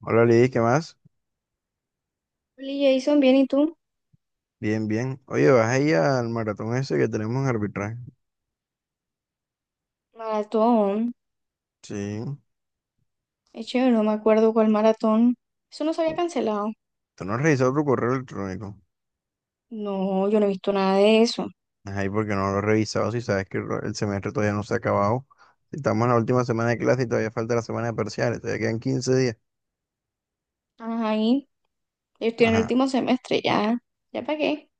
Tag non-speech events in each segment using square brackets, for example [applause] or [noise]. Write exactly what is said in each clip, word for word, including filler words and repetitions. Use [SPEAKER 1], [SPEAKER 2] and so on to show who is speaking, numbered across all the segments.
[SPEAKER 1] Hola Lidis, ¿qué más?
[SPEAKER 2] Oli, Jason, bien, ¿y tú?
[SPEAKER 1] Bien, bien. Oye, vas ahí al maratón ese que tenemos en arbitraje.
[SPEAKER 2] Maratón.
[SPEAKER 1] Sí.
[SPEAKER 2] Es chévere, no me acuerdo cuál maratón. Eso no se había cancelado.
[SPEAKER 1] ¿Tú no has revisado tu correo electrónico?
[SPEAKER 2] No, yo no he visto nada de eso.
[SPEAKER 1] Ahí porque no lo he revisado, si sabes que el el semestre todavía no se ha acabado. Si estamos en la última semana de clase y todavía falta la semana de parciales, todavía quedan quince días.
[SPEAKER 2] Ajá, ahí. Yo estoy en el
[SPEAKER 1] Ajá.
[SPEAKER 2] último semestre, ya. ¿Ya para qué?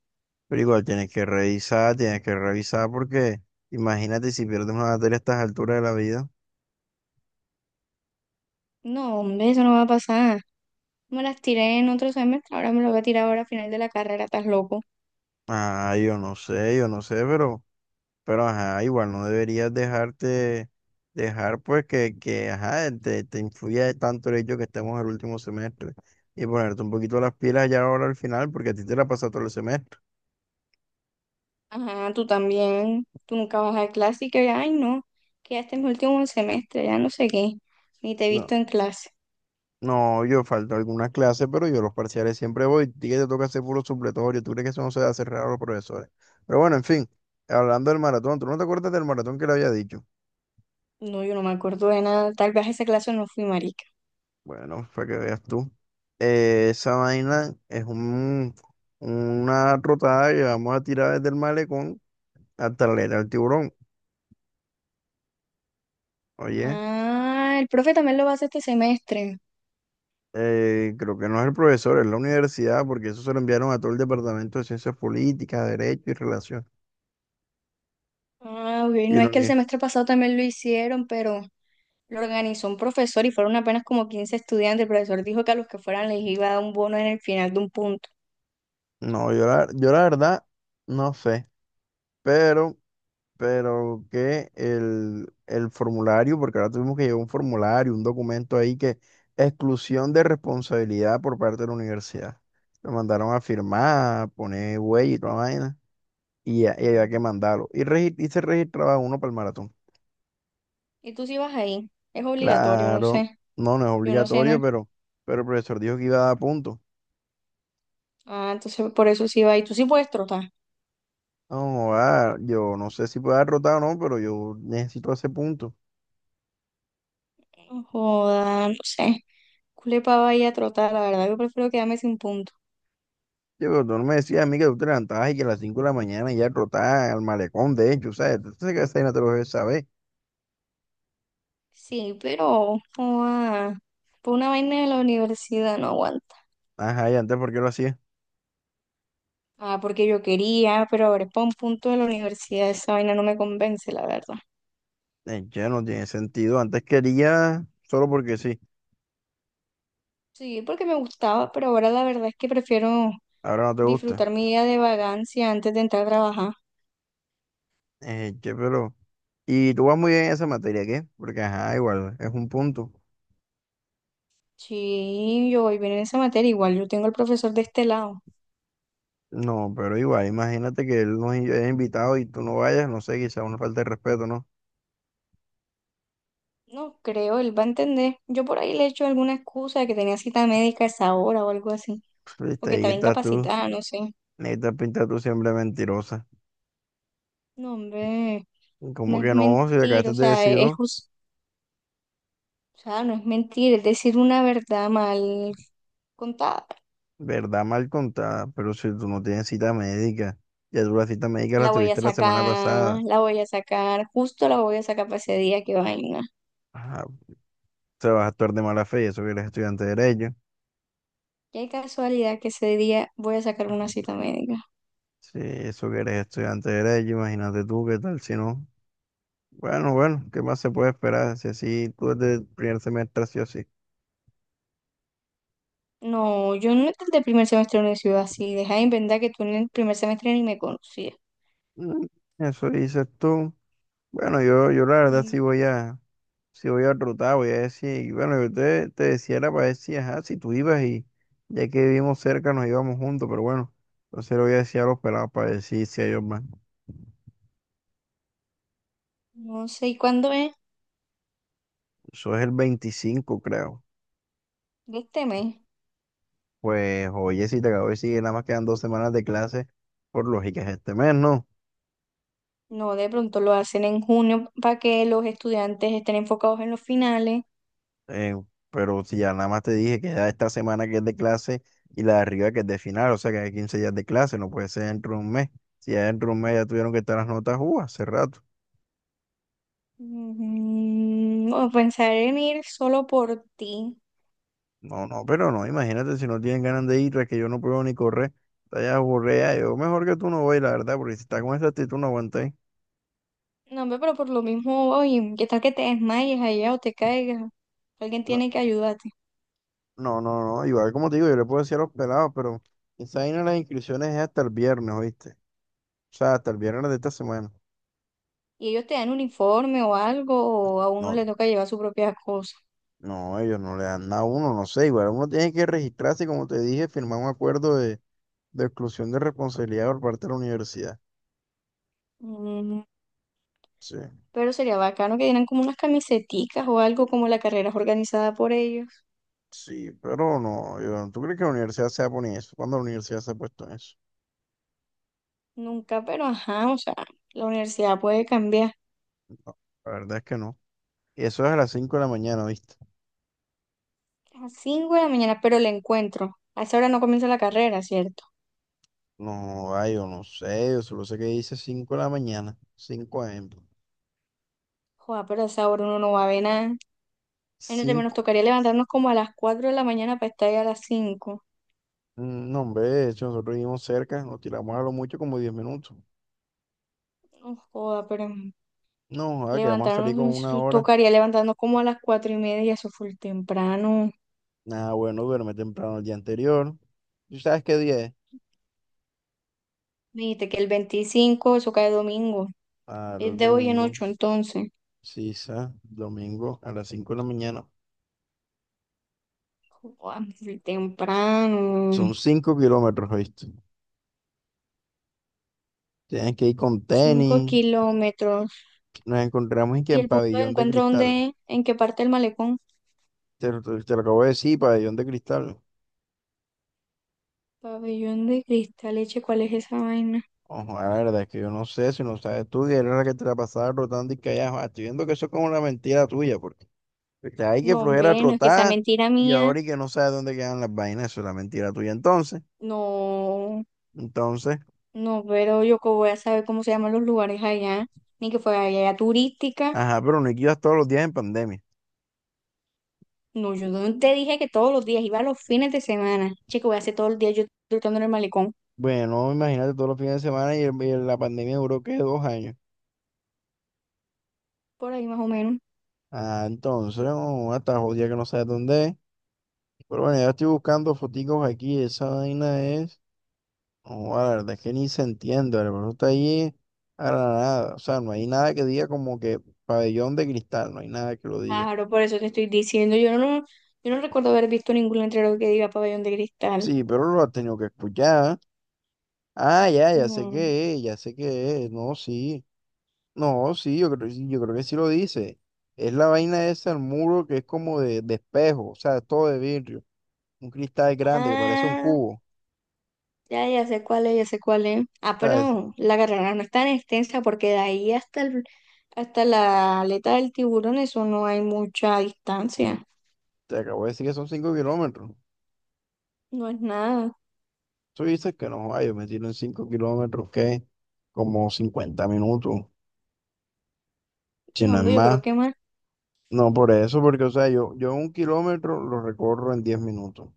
[SPEAKER 1] Pero igual tienes que revisar, tienes que revisar porque imagínate si pierdes una materia a estas alturas de la vida.
[SPEAKER 2] No, hombre, eso no va a pasar. Me las tiré en otro semestre, ahora me lo voy a tirar ahora a final de la carrera, estás loco.
[SPEAKER 1] Ah, yo no sé, yo no sé, pero Pero ajá, igual no deberías dejarte, dejar pues que, que ajá, te, te influya tanto el hecho que estemos en el último semestre y ponerte un poquito las pilas ya ahora al final porque a ti te la pasa todo el semestre.
[SPEAKER 2] Ajá, tú también. Tú nunca vas a clase y que, ay, no, que ya este es mi último semestre, ya no sé qué. Ni te he
[SPEAKER 1] No,
[SPEAKER 2] visto en clase.
[SPEAKER 1] no, yo falto algunas clases, pero yo los parciales siempre voy, ti que te toca hacer puro supletorio, tú crees que eso no se va a cerrar a los profesores. Pero bueno, en fin, hablando del maratón, ¿tú no te acuerdas del maratón que le había dicho?
[SPEAKER 2] No, yo no me acuerdo de nada. Tal vez a esa clase no fui, marica.
[SPEAKER 1] Bueno, para que veas tú. Eh, esa vaina es un, una rotada que vamos a tirar desde el malecón hasta la era del tiburón. Oye,
[SPEAKER 2] Ah, el profe también lo hace este semestre.
[SPEAKER 1] eh, creo que no es el profesor, es la universidad, porque eso se lo enviaron a todo el departamento de ciencias políticas, derecho y relación.
[SPEAKER 2] Ah, ok.
[SPEAKER 1] Y
[SPEAKER 2] No
[SPEAKER 1] la
[SPEAKER 2] es que el
[SPEAKER 1] uni-
[SPEAKER 2] semestre pasado también lo hicieron, pero lo organizó un profesor y fueron apenas como quince estudiantes. El profesor dijo que a los que fueran les iba a dar un bono en el final de un punto.
[SPEAKER 1] no, yo la, yo la verdad no sé, pero pero que el, el formulario, porque ahora tuvimos que llevar un formulario, un documento ahí que exclusión de responsabilidad por parte de la universidad. Lo mandaron a firmar, poner huella y toda la vaina, y, ya- y había que mandarlo. Y, regi- y se registraba uno para el maratón.
[SPEAKER 2] Y tú sí vas ahí. Es obligatorio, no
[SPEAKER 1] Claro,
[SPEAKER 2] sé.
[SPEAKER 1] no, no es
[SPEAKER 2] Yo no sé nada.
[SPEAKER 1] obligatorio, pero, pero el profesor dijo que iba a dar puntos.
[SPEAKER 2] Ah, entonces por eso sí va. Y tú sí puedes trotar.
[SPEAKER 1] No, ah, yo no sé si puedo dar rotado o no, pero yo necesito ese punto.
[SPEAKER 2] No joda, no sé. Culepa vaya a trotar, la verdad. Yo prefiero quedarme sin punto.
[SPEAKER 1] Yo, pero tú no me decías a mí que tú te levantabas y que a las cinco de la mañana ya trotabas al malecón, de hecho, ¿sabes? Entonces, que esa vaina te lo debes saber.
[SPEAKER 2] Sí, pero, joda, por una vaina de la universidad no aguanta.
[SPEAKER 1] Ajá, y antes, ¿por qué lo hacías?
[SPEAKER 2] Ah, porque yo quería, pero ahora es para un punto de la universidad, esa vaina no me convence, la verdad.
[SPEAKER 1] Eh, ya no tiene sentido. Antes quería solo porque sí,
[SPEAKER 2] Sí, porque me gustaba, pero ahora la verdad es que prefiero
[SPEAKER 1] ahora no te gusta.
[SPEAKER 2] disfrutar mi día de vagancia antes de entrar a trabajar.
[SPEAKER 1] Eh, che, pero. Y tú vas muy bien en esa materia, ¿qué? Porque, ajá, igual, es un punto.
[SPEAKER 2] Sí, yo voy bien en esa materia, igual yo tengo al profesor de este lado.
[SPEAKER 1] No, pero igual, imagínate que él nos haya invitado y tú no vayas, no sé, quizá una falta de respeto, ¿no?
[SPEAKER 2] No creo, él va a entender. Yo por ahí le he hecho alguna excusa de que tenía cita médica a esa hora o algo así, o
[SPEAKER 1] Viste,
[SPEAKER 2] que
[SPEAKER 1] ahí
[SPEAKER 2] estaba
[SPEAKER 1] estás tú,
[SPEAKER 2] incapacitada, no sé.
[SPEAKER 1] ahí estás pinta tú siempre mentirosa.
[SPEAKER 2] No, hombre, no
[SPEAKER 1] Como que
[SPEAKER 2] es
[SPEAKER 1] no, si
[SPEAKER 2] mentir,
[SPEAKER 1] acabaste
[SPEAKER 2] o
[SPEAKER 1] de
[SPEAKER 2] sea, es,
[SPEAKER 1] decirlo.
[SPEAKER 2] jus- o sea, no es mentir, es decir una verdad mal contada.
[SPEAKER 1] Verdad mal contada, pero si tú no tienes cita médica, ya tú la cita médica la
[SPEAKER 2] La voy a
[SPEAKER 1] tuviste la semana pasada,
[SPEAKER 2] sacar, la voy a sacar, justo la voy a sacar para ese día, qué vaina.
[SPEAKER 1] ajá, te vas a actuar de mala fe, y eso que eres estudiante de Derecho,
[SPEAKER 2] Qué casualidad que ese día voy a sacar una cita médica.
[SPEAKER 1] si eso que eres estudiante de Derecho, imagínate tú qué tal si no. Bueno, bueno, ¿qué más se puede esperar? Si así tú desde el primer semestre, sí o sí.
[SPEAKER 2] No, yo no entré el primer semestre de la universidad así, deja de inventar que tú en el primer semestre ni me conocías.
[SPEAKER 1] Mm. Eso dices tú. Bueno, yo, yo la verdad
[SPEAKER 2] No,
[SPEAKER 1] sí voy a, Si voy a rotar, voy a decir, bueno, yo te, te decía era para decir, ajá, si tú ibas y ya que vivimos cerca nos íbamos juntos, pero bueno, entonces le voy a decir a los pelados para decir si si ellos van.
[SPEAKER 2] no sé, ¿y cuándo es?
[SPEAKER 1] Eso es el veinticinco creo.
[SPEAKER 2] ¿De este mes?
[SPEAKER 1] Pues oye, si te acabo de decir, nada más quedan dos semanas de clase, por lógica es este mes, ¿no?
[SPEAKER 2] No, de pronto lo hacen en junio para que los estudiantes estén enfocados en los finales.
[SPEAKER 1] Eh, pero si ya nada más te dije que ya esta semana que es de clase y la de arriba que es de final, o sea que hay quince días de clase, no puede ser dentro de un mes. Si ya dentro de un mes ya tuvieron que estar las notas, uh, hace rato.
[SPEAKER 2] Mm, o pensar en ir solo por ti.
[SPEAKER 1] No, no, pero no, imagínate si no tienen ganas de ir, es que yo no puedo ni correr. Está ya aburrida, yo mejor que tú no voy, la verdad, porque si está con esa actitud no aguanté.
[SPEAKER 2] No, hombre, pero por lo mismo, oye, ¿qué tal que te desmayes allá o te caigas? Alguien
[SPEAKER 1] No,
[SPEAKER 2] tiene que ayudarte.
[SPEAKER 1] no, no, no, igual como te digo, yo le puedo decir a los pelados, pero esa vaina de las inscripciones es hasta el viernes, ¿oíste? O sea, hasta el viernes de esta semana.
[SPEAKER 2] Y ellos te dan un uniforme o algo, o a uno
[SPEAKER 1] No,
[SPEAKER 2] le toca llevar su propia cosa.
[SPEAKER 1] no, ellos no le dan nada a uno, no sé, igual uno tiene que registrarse, y, como te dije, firmar un acuerdo de, de exclusión de responsabilidad por parte de la universidad.
[SPEAKER 2] Mm,
[SPEAKER 1] Sí,
[SPEAKER 2] pero sería bacano que dieran como unas camiseticas o algo, como la carrera es organizada por ellos.
[SPEAKER 1] sí, pero no, yo, ¿tú crees que la universidad se va a poner eso? ¿Cuándo la universidad se ha puesto en eso?
[SPEAKER 2] Nunca, pero ajá, o sea, la universidad puede cambiar.
[SPEAKER 1] La verdad es que no. Y eso es a las cinco de la mañana, ¿viste?
[SPEAKER 2] A las cinco de la mañana, pero el encuentro. A esa hora no comienza la carrera, ¿cierto?
[SPEAKER 1] No, ay, yo no sé, yo solo sé que dice cinco de la mañana, cinco ejemplo.
[SPEAKER 2] Joder, pero a esa hora uno no va a ver nada. Imagínate, nos
[SPEAKER 1] cinco
[SPEAKER 2] tocaría levantarnos como a las cuatro de la mañana para estar ahí a las cinco.
[SPEAKER 1] Mm, No, hombre, de hecho, nosotros vivimos cerca, nos tiramos a lo mucho como diez minutos.
[SPEAKER 2] No joda, pero mm,
[SPEAKER 1] No, joder, que vamos a
[SPEAKER 2] levantarnos,
[SPEAKER 1] salir con una
[SPEAKER 2] mm,
[SPEAKER 1] hora.
[SPEAKER 2] tocaría levantarnos como a las cuatro y media, eso fue temprano.
[SPEAKER 1] Nada, bueno, duerme temprano el día anterior. ¿Tú sabes qué día es?
[SPEAKER 2] Me dijiste que el veinticinco eso cae domingo.
[SPEAKER 1] Claro, el
[SPEAKER 2] Es de hoy en ocho,
[SPEAKER 1] domingo.
[SPEAKER 2] entonces.
[SPEAKER 1] Sí, sa, domingo a las cinco de la mañana.
[SPEAKER 2] Joda, full temprano.
[SPEAKER 1] Son cinco kilómetros, ¿viste? Tienes que ir con
[SPEAKER 2] Cinco
[SPEAKER 1] tenis.
[SPEAKER 2] kilómetros.
[SPEAKER 1] Nos encontramos en que
[SPEAKER 2] ¿Y
[SPEAKER 1] en
[SPEAKER 2] el punto de
[SPEAKER 1] Pabellón de
[SPEAKER 2] encuentro
[SPEAKER 1] Cristal.
[SPEAKER 2] dónde es? ¿En qué parte del malecón?
[SPEAKER 1] Te, lo te te lo acabo de decir, Pabellón de Cristal.
[SPEAKER 2] Pabellón de cristal, eche, ¿cuál es esa vaina?
[SPEAKER 1] Ojo, la verdad es que yo no sé si no sabes tú que era la que te la pasaba rotando y callado. Estoy viendo que eso es como una mentira tuya, porque te hay que
[SPEAKER 2] No,
[SPEAKER 1] flojera
[SPEAKER 2] hombre, no es que sea
[SPEAKER 1] rotar
[SPEAKER 2] mentira
[SPEAKER 1] y
[SPEAKER 2] mía.
[SPEAKER 1] ahora y que no sabes dónde quedan las vainas, eso es la mentira tuya. Entonces,
[SPEAKER 2] No,
[SPEAKER 1] entonces,
[SPEAKER 2] no, pero yo cómo voy a saber cómo se llaman los lugares allá, ni que fuera allá turística.
[SPEAKER 1] ajá, pero no es que ibas todos los días en pandemia.
[SPEAKER 2] No, yo no te dije que todos los días, iba los fines de semana. Chico, voy a hacer todo el día yo trotando en el malecón,
[SPEAKER 1] Bueno, imagínate todos los fines de semana y, el- y la pandemia duró que dos años.
[SPEAKER 2] por ahí más o menos.
[SPEAKER 1] Ah, entonces, no, hasta jodida que no sabes dónde es. Pero bueno, ya estoy buscando foticos aquí, esa vaina es. No, la verdad es que ni se entiende, el aeropuerto está ahí a la nada. O sea, no hay nada que diga como que Pabellón de Cristal, no hay nada que lo diga.
[SPEAKER 2] Claro, por eso te estoy diciendo, yo no, yo no recuerdo haber visto ningún letrero que diga pabellón de cristal.
[SPEAKER 1] Sí, pero lo has tenido que escuchar. Ah, ya, ya sé
[SPEAKER 2] No.
[SPEAKER 1] qué es, ya sé qué es. No, sí. No, sí, yo creo, sí, yo creo que sí lo dice. Es la vaina esa, el muro que es como de, de espejo, o sea, es todo de vidrio. Un cristal grande que parece un
[SPEAKER 2] Ah,
[SPEAKER 1] cubo.
[SPEAKER 2] ya, ya sé cuál es, ya sé cuál es.
[SPEAKER 1] O
[SPEAKER 2] Ah,
[SPEAKER 1] sea, es-
[SPEAKER 2] pero la carrera no es tan extensa porque de ahí hasta el, hasta la aleta del tiburón, eso no hay mucha distancia.
[SPEAKER 1] te acabo de decir que son cinco kilómetros.
[SPEAKER 2] No es nada.
[SPEAKER 1] Tú dices que no, ay, yo me tiro en cinco kilómetros, ¿qué? Como cincuenta minutos. Si
[SPEAKER 2] No,
[SPEAKER 1] no es
[SPEAKER 2] hombre, yo creo
[SPEAKER 1] más,
[SPEAKER 2] que más.
[SPEAKER 1] no por eso, porque, o sea, yo, yo un kilómetro lo recorro en diez minutos,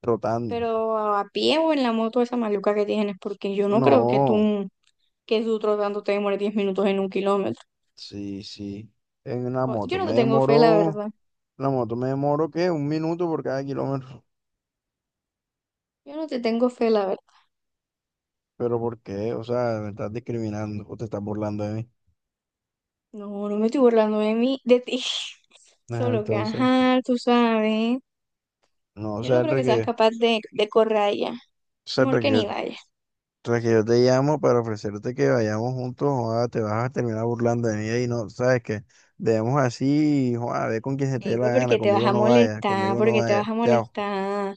[SPEAKER 1] trotando.
[SPEAKER 2] Pero a pie o en la moto esa maluca que tienes, porque yo no creo que
[SPEAKER 1] No,
[SPEAKER 2] tú, que tú trotando te demores diez minutos en un kilómetro.
[SPEAKER 1] sí, sí, en la
[SPEAKER 2] Jo-
[SPEAKER 1] moto
[SPEAKER 2] Yo no
[SPEAKER 1] me
[SPEAKER 2] te tengo fe, la
[SPEAKER 1] demoró,
[SPEAKER 2] verdad.
[SPEAKER 1] la moto me demoró, ¿qué? Un minuto por cada kilómetro.
[SPEAKER 2] Yo no te tengo fe, la verdad.
[SPEAKER 1] Pero ¿por qué? O sea, me estás discriminando o te estás burlando de mí.
[SPEAKER 2] No, no me estoy burlando de mí, de ti. [laughs]
[SPEAKER 1] Ajá,
[SPEAKER 2] Solo que,
[SPEAKER 1] entonces,
[SPEAKER 2] ajá, tú sabes.
[SPEAKER 1] no, o
[SPEAKER 2] Yo
[SPEAKER 1] sea,
[SPEAKER 2] no
[SPEAKER 1] el
[SPEAKER 2] creo que seas
[SPEAKER 1] regué,
[SPEAKER 2] capaz de, de correr allá.
[SPEAKER 1] o sea, el
[SPEAKER 2] Mejor que
[SPEAKER 1] regué
[SPEAKER 2] ni vayas.
[SPEAKER 1] tras que yo te llamo para ofrecerte que vayamos juntos, joda, te vas a terminar burlando de mí y no, sabes que debemos así, joda, ve con quien se te dé
[SPEAKER 2] Ey,
[SPEAKER 1] la
[SPEAKER 2] pues,
[SPEAKER 1] gana,
[SPEAKER 2] porque te vas
[SPEAKER 1] conmigo
[SPEAKER 2] a
[SPEAKER 1] no vayas,
[SPEAKER 2] molestar,
[SPEAKER 1] conmigo no
[SPEAKER 2] porque te
[SPEAKER 1] vayas,
[SPEAKER 2] vas a
[SPEAKER 1] chao.
[SPEAKER 2] molestar.